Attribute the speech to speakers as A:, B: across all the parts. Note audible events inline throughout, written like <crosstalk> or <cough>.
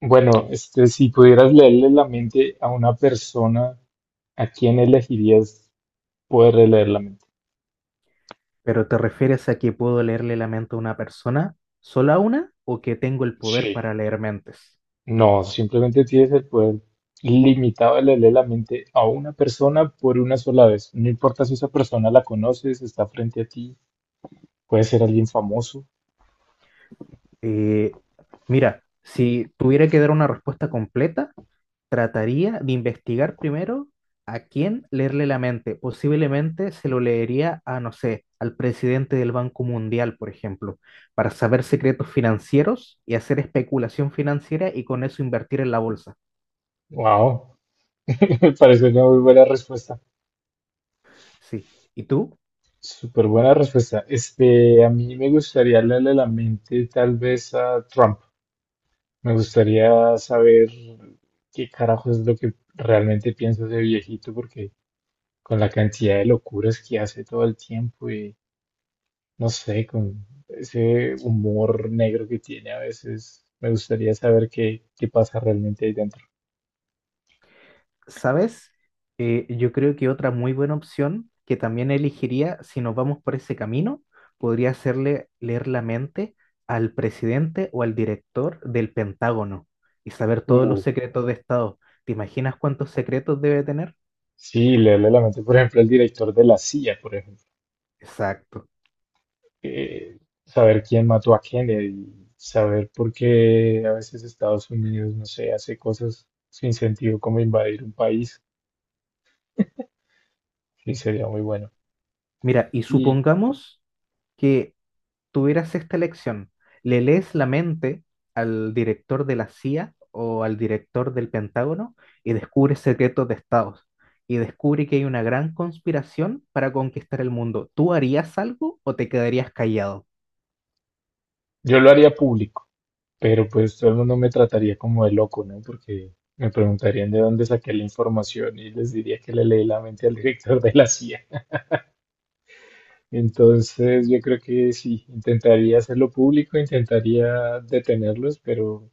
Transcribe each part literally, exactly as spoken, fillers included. A: Bueno, este, si pudieras leerle la mente a una persona, ¿a quién elegirías poder leer la mente?
B: ¿Pero te refieres a que puedo leerle la mente a una persona, sola una, o que tengo el poder
A: Sí.
B: para leer mentes?
A: No, simplemente tienes el poder limitado de leerle la mente a una persona por una sola vez. No importa si esa persona la conoces, está frente a ti, puede ser alguien famoso.
B: Eh, Mira, si tuviera que dar una respuesta completa, trataría de investigar primero a quién leerle la mente. Posiblemente se lo leería a, no sé, al presidente del Banco Mundial, por ejemplo, para saber secretos financieros y hacer especulación financiera y con eso invertir en la bolsa.
A: Wow, <laughs> me parece una muy buena respuesta.
B: Sí. ¿Y tú?
A: Súper buena respuesta. Este, a mí me gustaría leerle la mente tal vez a Trump. Me gustaría saber qué carajo es lo que realmente piensa ese viejito, porque con la cantidad de locuras que hace todo el tiempo y no sé, con ese humor negro que tiene a veces, me gustaría saber qué, qué pasa realmente ahí dentro.
B: ¿Sabes? Eh, yo creo que otra muy buena opción que también elegiría, si nos vamos por ese camino, podría hacerle leer la mente al presidente o al director del Pentágono y saber todos los
A: Uh,
B: secretos de Estado. ¿Te imaginas cuántos secretos debe tener?
A: sí, leerle la mente, por ejemplo, al director de la C I A, por ejemplo.
B: Exacto.
A: eh, Saber quién mató a Kennedy, saber por qué a veces Estados Unidos, no sé, hace cosas sin sentido como invadir un país. Sí, sería muy bueno.
B: Mira, y
A: Y
B: supongamos que tuvieras esta elección, ¿le lees la mente al director de la C I A o al director del Pentágono y descubres secretos de estados? Y descubre que hay una gran conspiración para conquistar el mundo. ¿Tú harías algo o te quedarías callado?
A: yo lo haría público, pero pues todo el mundo me trataría como de loco, ¿no? Porque me preguntarían de dónde saqué la información y les diría que le leí la mente al director de la C I A. Entonces yo creo que sí, intentaría hacerlo público, intentaría detenerlos, pero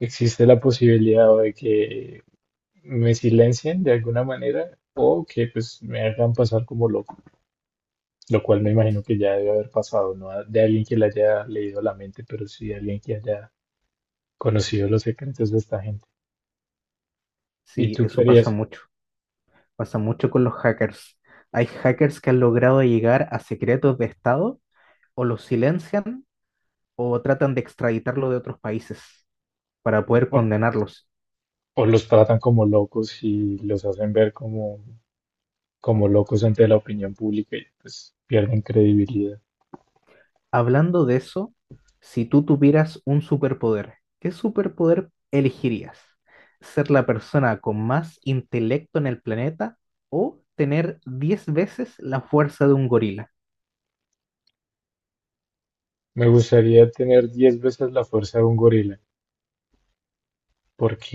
A: existe la posibilidad o de que me silencien de alguna manera o que pues me hagan pasar como loco, lo cual me imagino que ya debe haber pasado, no de alguien que le haya leído la mente, pero sí de alguien que haya conocido los secretos de esta gente. ¿Y
B: Sí,
A: tú qué
B: eso pasa
A: harías?
B: mucho. Pasa mucho con los hackers. Hay hackers que han logrado llegar a secretos de Estado o los silencian o tratan de extraditarlo de otros países para poder
A: O,
B: condenarlos.
A: o los tratan como locos y los hacen ver como, como locos ante la opinión pública y pues pierden credibilidad.
B: Hablando de eso, si tú tuvieras un superpoder, ¿qué superpoder elegirías? ¿Ser la persona con más intelecto en el planeta o tener diez veces la fuerza de un gorila?
A: Me gustaría tener diez veces la fuerza de un gorila,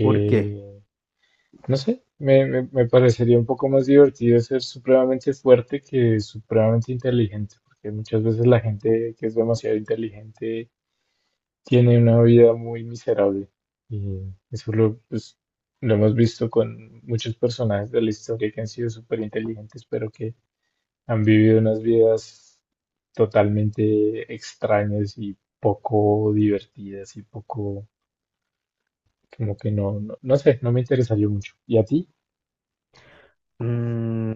B: ¿Por qué?
A: no sé, me, me, me parecería un poco más divertido ser supremamente fuerte que supremamente inteligente, porque muchas veces la gente que es demasiado inteligente tiene una vida muy miserable. Y eso lo, pues, lo hemos visto con muchos personajes de la historia que han sido súper inteligentes, pero que han vivido unas vidas totalmente extrañas y poco divertidas y poco, como que no, no, no sé, no me interesaría mucho. ¿Y a ti?
B: Mm,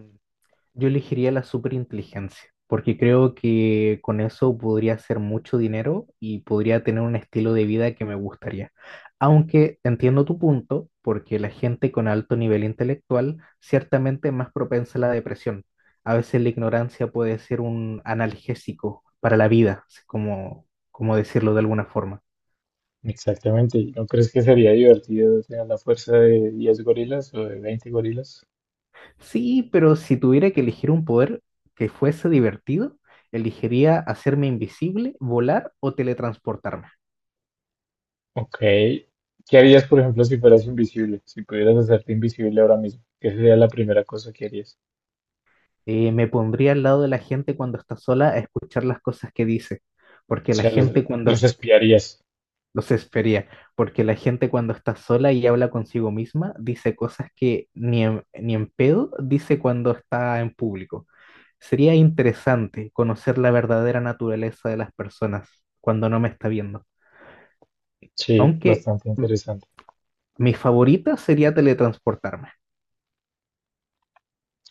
B: Yo elegiría la superinteligencia, porque creo que con eso podría hacer mucho dinero y podría tener un estilo de vida que me gustaría. Aunque entiendo tu punto, porque la gente con alto nivel intelectual ciertamente es más propensa a la depresión. A veces la ignorancia puede ser un analgésico para la vida, es como, como decirlo de alguna forma.
A: Exactamente. ¿No crees que sería divertido tener la fuerza de diez gorilas o de veinte gorilas?
B: Sí, pero si tuviera que elegir un poder que fuese divertido, elegiría hacerme invisible, volar o teletransportarme.
A: Ok. ¿Qué harías, por ejemplo, si fueras invisible? Si pudieras hacerte invisible ahora mismo, ¿qué sería la primera cosa que harías?
B: Eh, me pondría al lado de la gente cuando está sola a escuchar las cosas que dice,
A: O
B: porque la
A: sea, los,
B: gente cuando
A: los espiarías.
B: los espería, porque la gente cuando está sola y habla consigo misma dice cosas que ni en, ni en pedo dice cuando está en público. Sería interesante conocer la verdadera naturaleza de las personas cuando no me está viendo.
A: Sí,
B: Aunque
A: bastante
B: m-
A: interesante.
B: mi favorita sería teletransportarme.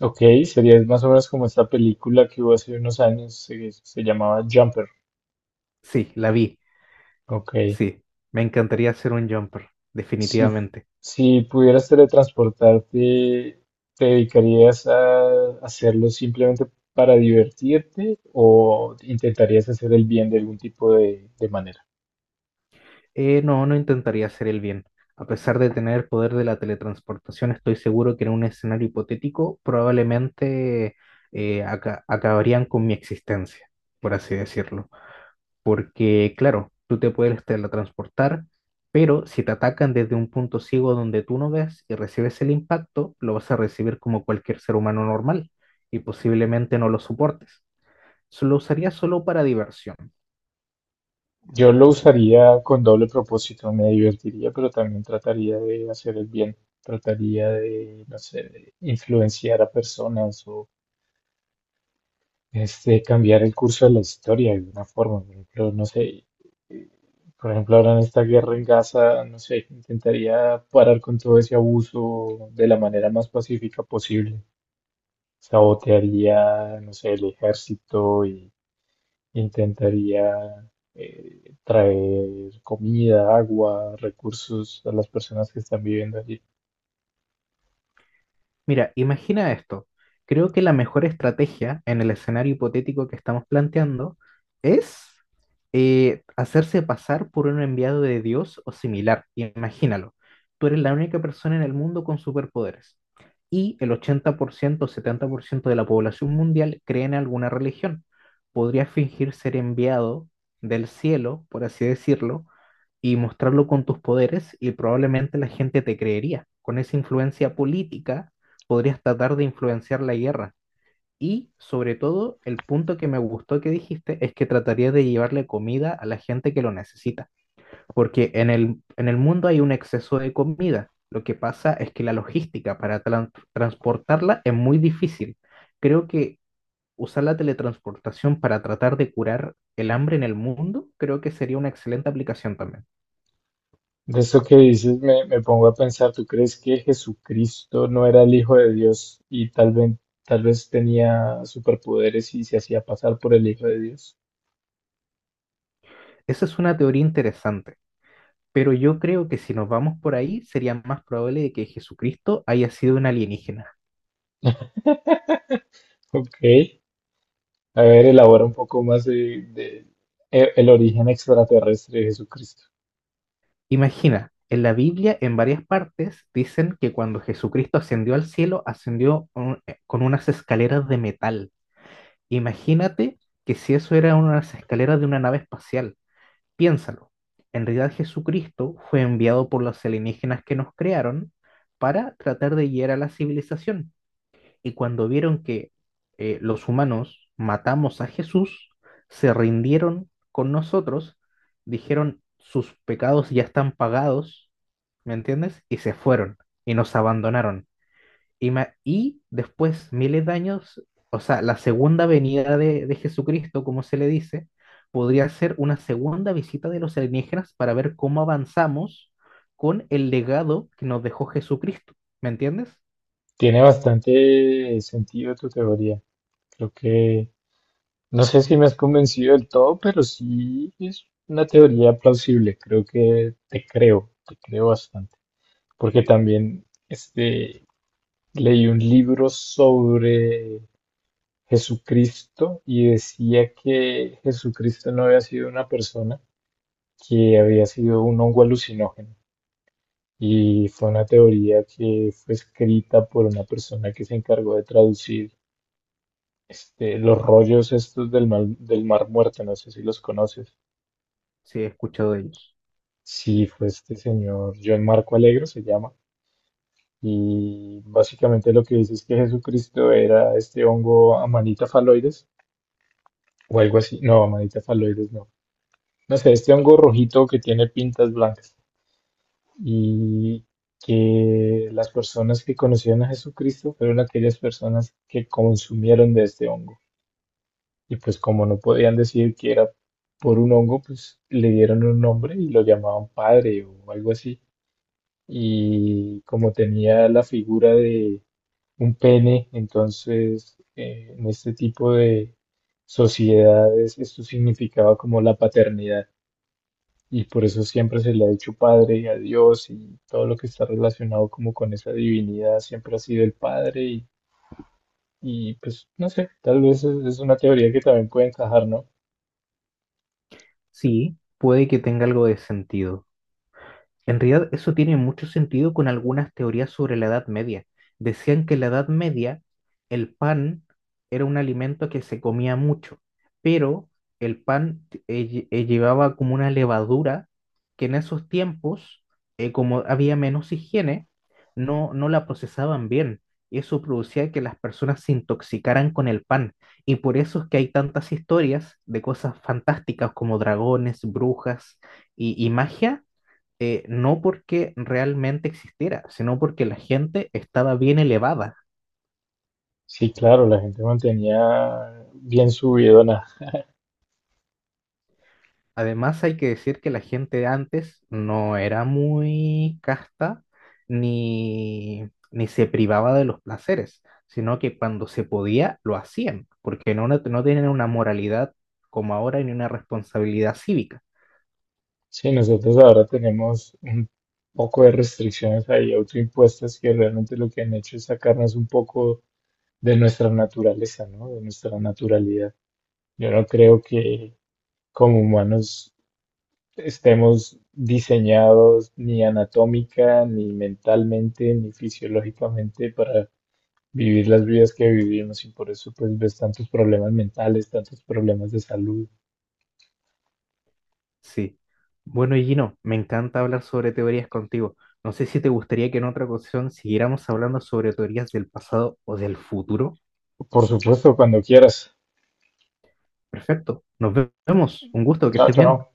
A: Ok, sería más o menos como esta película que hubo hace unos años, se, se llamaba Jumper.
B: Sí, la vi.
A: Ok.
B: Sí, me encantaría ser un jumper,
A: Si,
B: definitivamente.
A: si pudieras teletransportarte, ¿te dedicarías a hacerlo simplemente para divertirte o intentarías hacer el bien de algún tipo de de manera?
B: Eh, no, no intentaría hacer el bien. A pesar de tener el poder de la teletransportación, estoy seguro que en un escenario hipotético probablemente eh, aca- acabarían con mi existencia, por así decirlo. Porque, claro, tú te puedes teletransportar, pero si te atacan desde un punto ciego donde tú no ves y recibes el impacto, lo vas a recibir como cualquier ser humano normal y posiblemente no lo soportes. Lo usaría solo para diversión.
A: Yo lo usaría con doble propósito, me divertiría, pero también trataría de hacer el bien, trataría de, no sé, de influenciar a personas o este, cambiar el curso de la historia de alguna forma. Por ejemplo, no sé, eh, por ejemplo, ahora en esta guerra en Gaza, no sé, intentaría parar con todo ese abuso de la manera más pacífica posible. Sabotearía, no sé, el ejército y intentaría eh, traer comida, agua, recursos a las personas que están viviendo allí.
B: Mira, imagina esto. Creo que la mejor estrategia en el escenario hipotético que estamos planteando es eh, hacerse pasar por un enviado de Dios o similar. Imagínalo. Tú eres la única persona en el mundo con superpoderes y el ochenta por ciento o setenta por ciento de la población mundial cree en alguna religión. Podrías fingir ser enviado del cielo, por así decirlo, y mostrarlo con tus poderes y probablemente la gente te creería. Con esa influencia política podrías tratar de influenciar la guerra. Y sobre todo, el punto que me gustó que dijiste es que trataría de llevarle comida a la gente que lo necesita, porque en el, en el mundo hay un exceso de comida. Lo que pasa es que la logística para tran- transportarla es muy difícil. Creo que usar la teletransportación para tratar de curar el hambre en el mundo, creo que sería una excelente aplicación también.
A: De eso que dices, me, me pongo a pensar, ¿tú crees que Jesucristo no era el Hijo de Dios y tal vez, tal vez tenía superpoderes y se hacía pasar por el Hijo de Dios?
B: Esa es una teoría interesante, pero yo creo que si nos vamos por ahí, sería más probable de que Jesucristo haya sido un alienígena.
A: Ok, a ver, elabora un poco más de, de- e- el origen extraterrestre de Jesucristo.
B: Imagina, en la Biblia, en varias partes, dicen que cuando Jesucristo ascendió al cielo, ascendió con eh, con unas escaleras de metal. Imagínate que si eso era unas escaleras de una nave espacial. Piénsalo. En realidad, Jesucristo fue enviado por los alienígenas que nos crearon para tratar de guiar a la civilización. Y cuando vieron que eh, los humanos matamos a Jesús, se rindieron con nosotros, dijeron sus pecados ya están pagados, ¿me entiendes? Y se fueron y nos abandonaron. Y, ma- y después, miles de años, o sea, la segunda venida de, de Jesucristo, como se le dice, podría ser una segunda visita de los alienígenas para ver cómo avanzamos con el legado que nos dejó Jesucristo, ¿me entiendes?
A: Tiene bastante sentido tu teoría. Creo que no sé si me has convencido del todo, pero sí es una teoría plausible. Creo que te creo, te creo bastante. Porque también este, leí un libro sobre Jesucristo y decía que Jesucristo no había sido una persona, que había sido un hongo alucinógeno. Y fue una teoría que fue escrita por una persona que se encargó de traducir este, los rollos estos del mar, del Mar Muerto, no sé si los conoces.
B: Sí, he escuchado de ellos.
A: Sí, fue este señor, John Marco Alegro se llama, y básicamente lo que dice es que Jesucristo era este hongo Amanita phalloides o algo así, no, Amanita phalloides no, no sé, este hongo rojito que tiene pintas blancas, y que las personas que conocieron a Jesucristo fueron aquellas personas que consumieron de este hongo, y pues como no podían decir que era por un hongo, pues le dieron un nombre y lo llamaban padre o algo así. Y como tenía la figura de un pene, entonces eh, en este tipo de sociedades esto significaba como la paternidad y por eso siempre se le ha dicho padre a Dios y todo lo que está relacionado como con esa divinidad siempre ha sido el padre y, y, pues no sé, tal vez es, es una teoría que también puede encajar, ¿no?
B: Sí, puede que tenga algo de sentido. En realidad, eso tiene mucho sentido con algunas teorías sobre la Edad Media. Decían que en la Edad Media el pan era un alimento que se comía mucho, pero el pan eh, lle- eh, llevaba como una levadura que en esos tiempos, eh, como había menos higiene, no, no la procesaban bien. Y eso producía que las personas se intoxicaran con el pan. Y por eso es que hay tantas historias de cosas fantásticas como dragones, brujas y y magia eh, no porque realmente existiera, sino porque la gente estaba bien elevada.
A: Sí, claro, la gente mantenía bien subido.
B: Además, hay que decir que la gente antes no era muy casta ni, ni se privaba de los placeres, sino que cuando se podía lo hacían, porque no, no tienen una moralidad como ahora ni una responsabilidad cívica.
A: Sí, nosotros ahora tenemos un poco de restricciones ahí autoimpuestas que realmente lo que han hecho es sacarnos un poco de nuestra naturaleza, ¿no? De nuestra naturalidad. Yo no creo que como humanos estemos diseñados ni anatómica, ni mentalmente, ni fisiológicamente para vivir las vidas que vivimos y por eso pues ves tantos problemas mentales, tantos problemas de salud.
B: Sí. Bueno, Gino, me encanta hablar sobre teorías contigo. No sé si te gustaría que en otra ocasión siguiéramos hablando sobre teorías del pasado o del futuro.
A: Por supuesto, cuando quieras.
B: Perfecto. Nos vemos. Un gusto, que
A: Chao,
B: estés bien.
A: chao.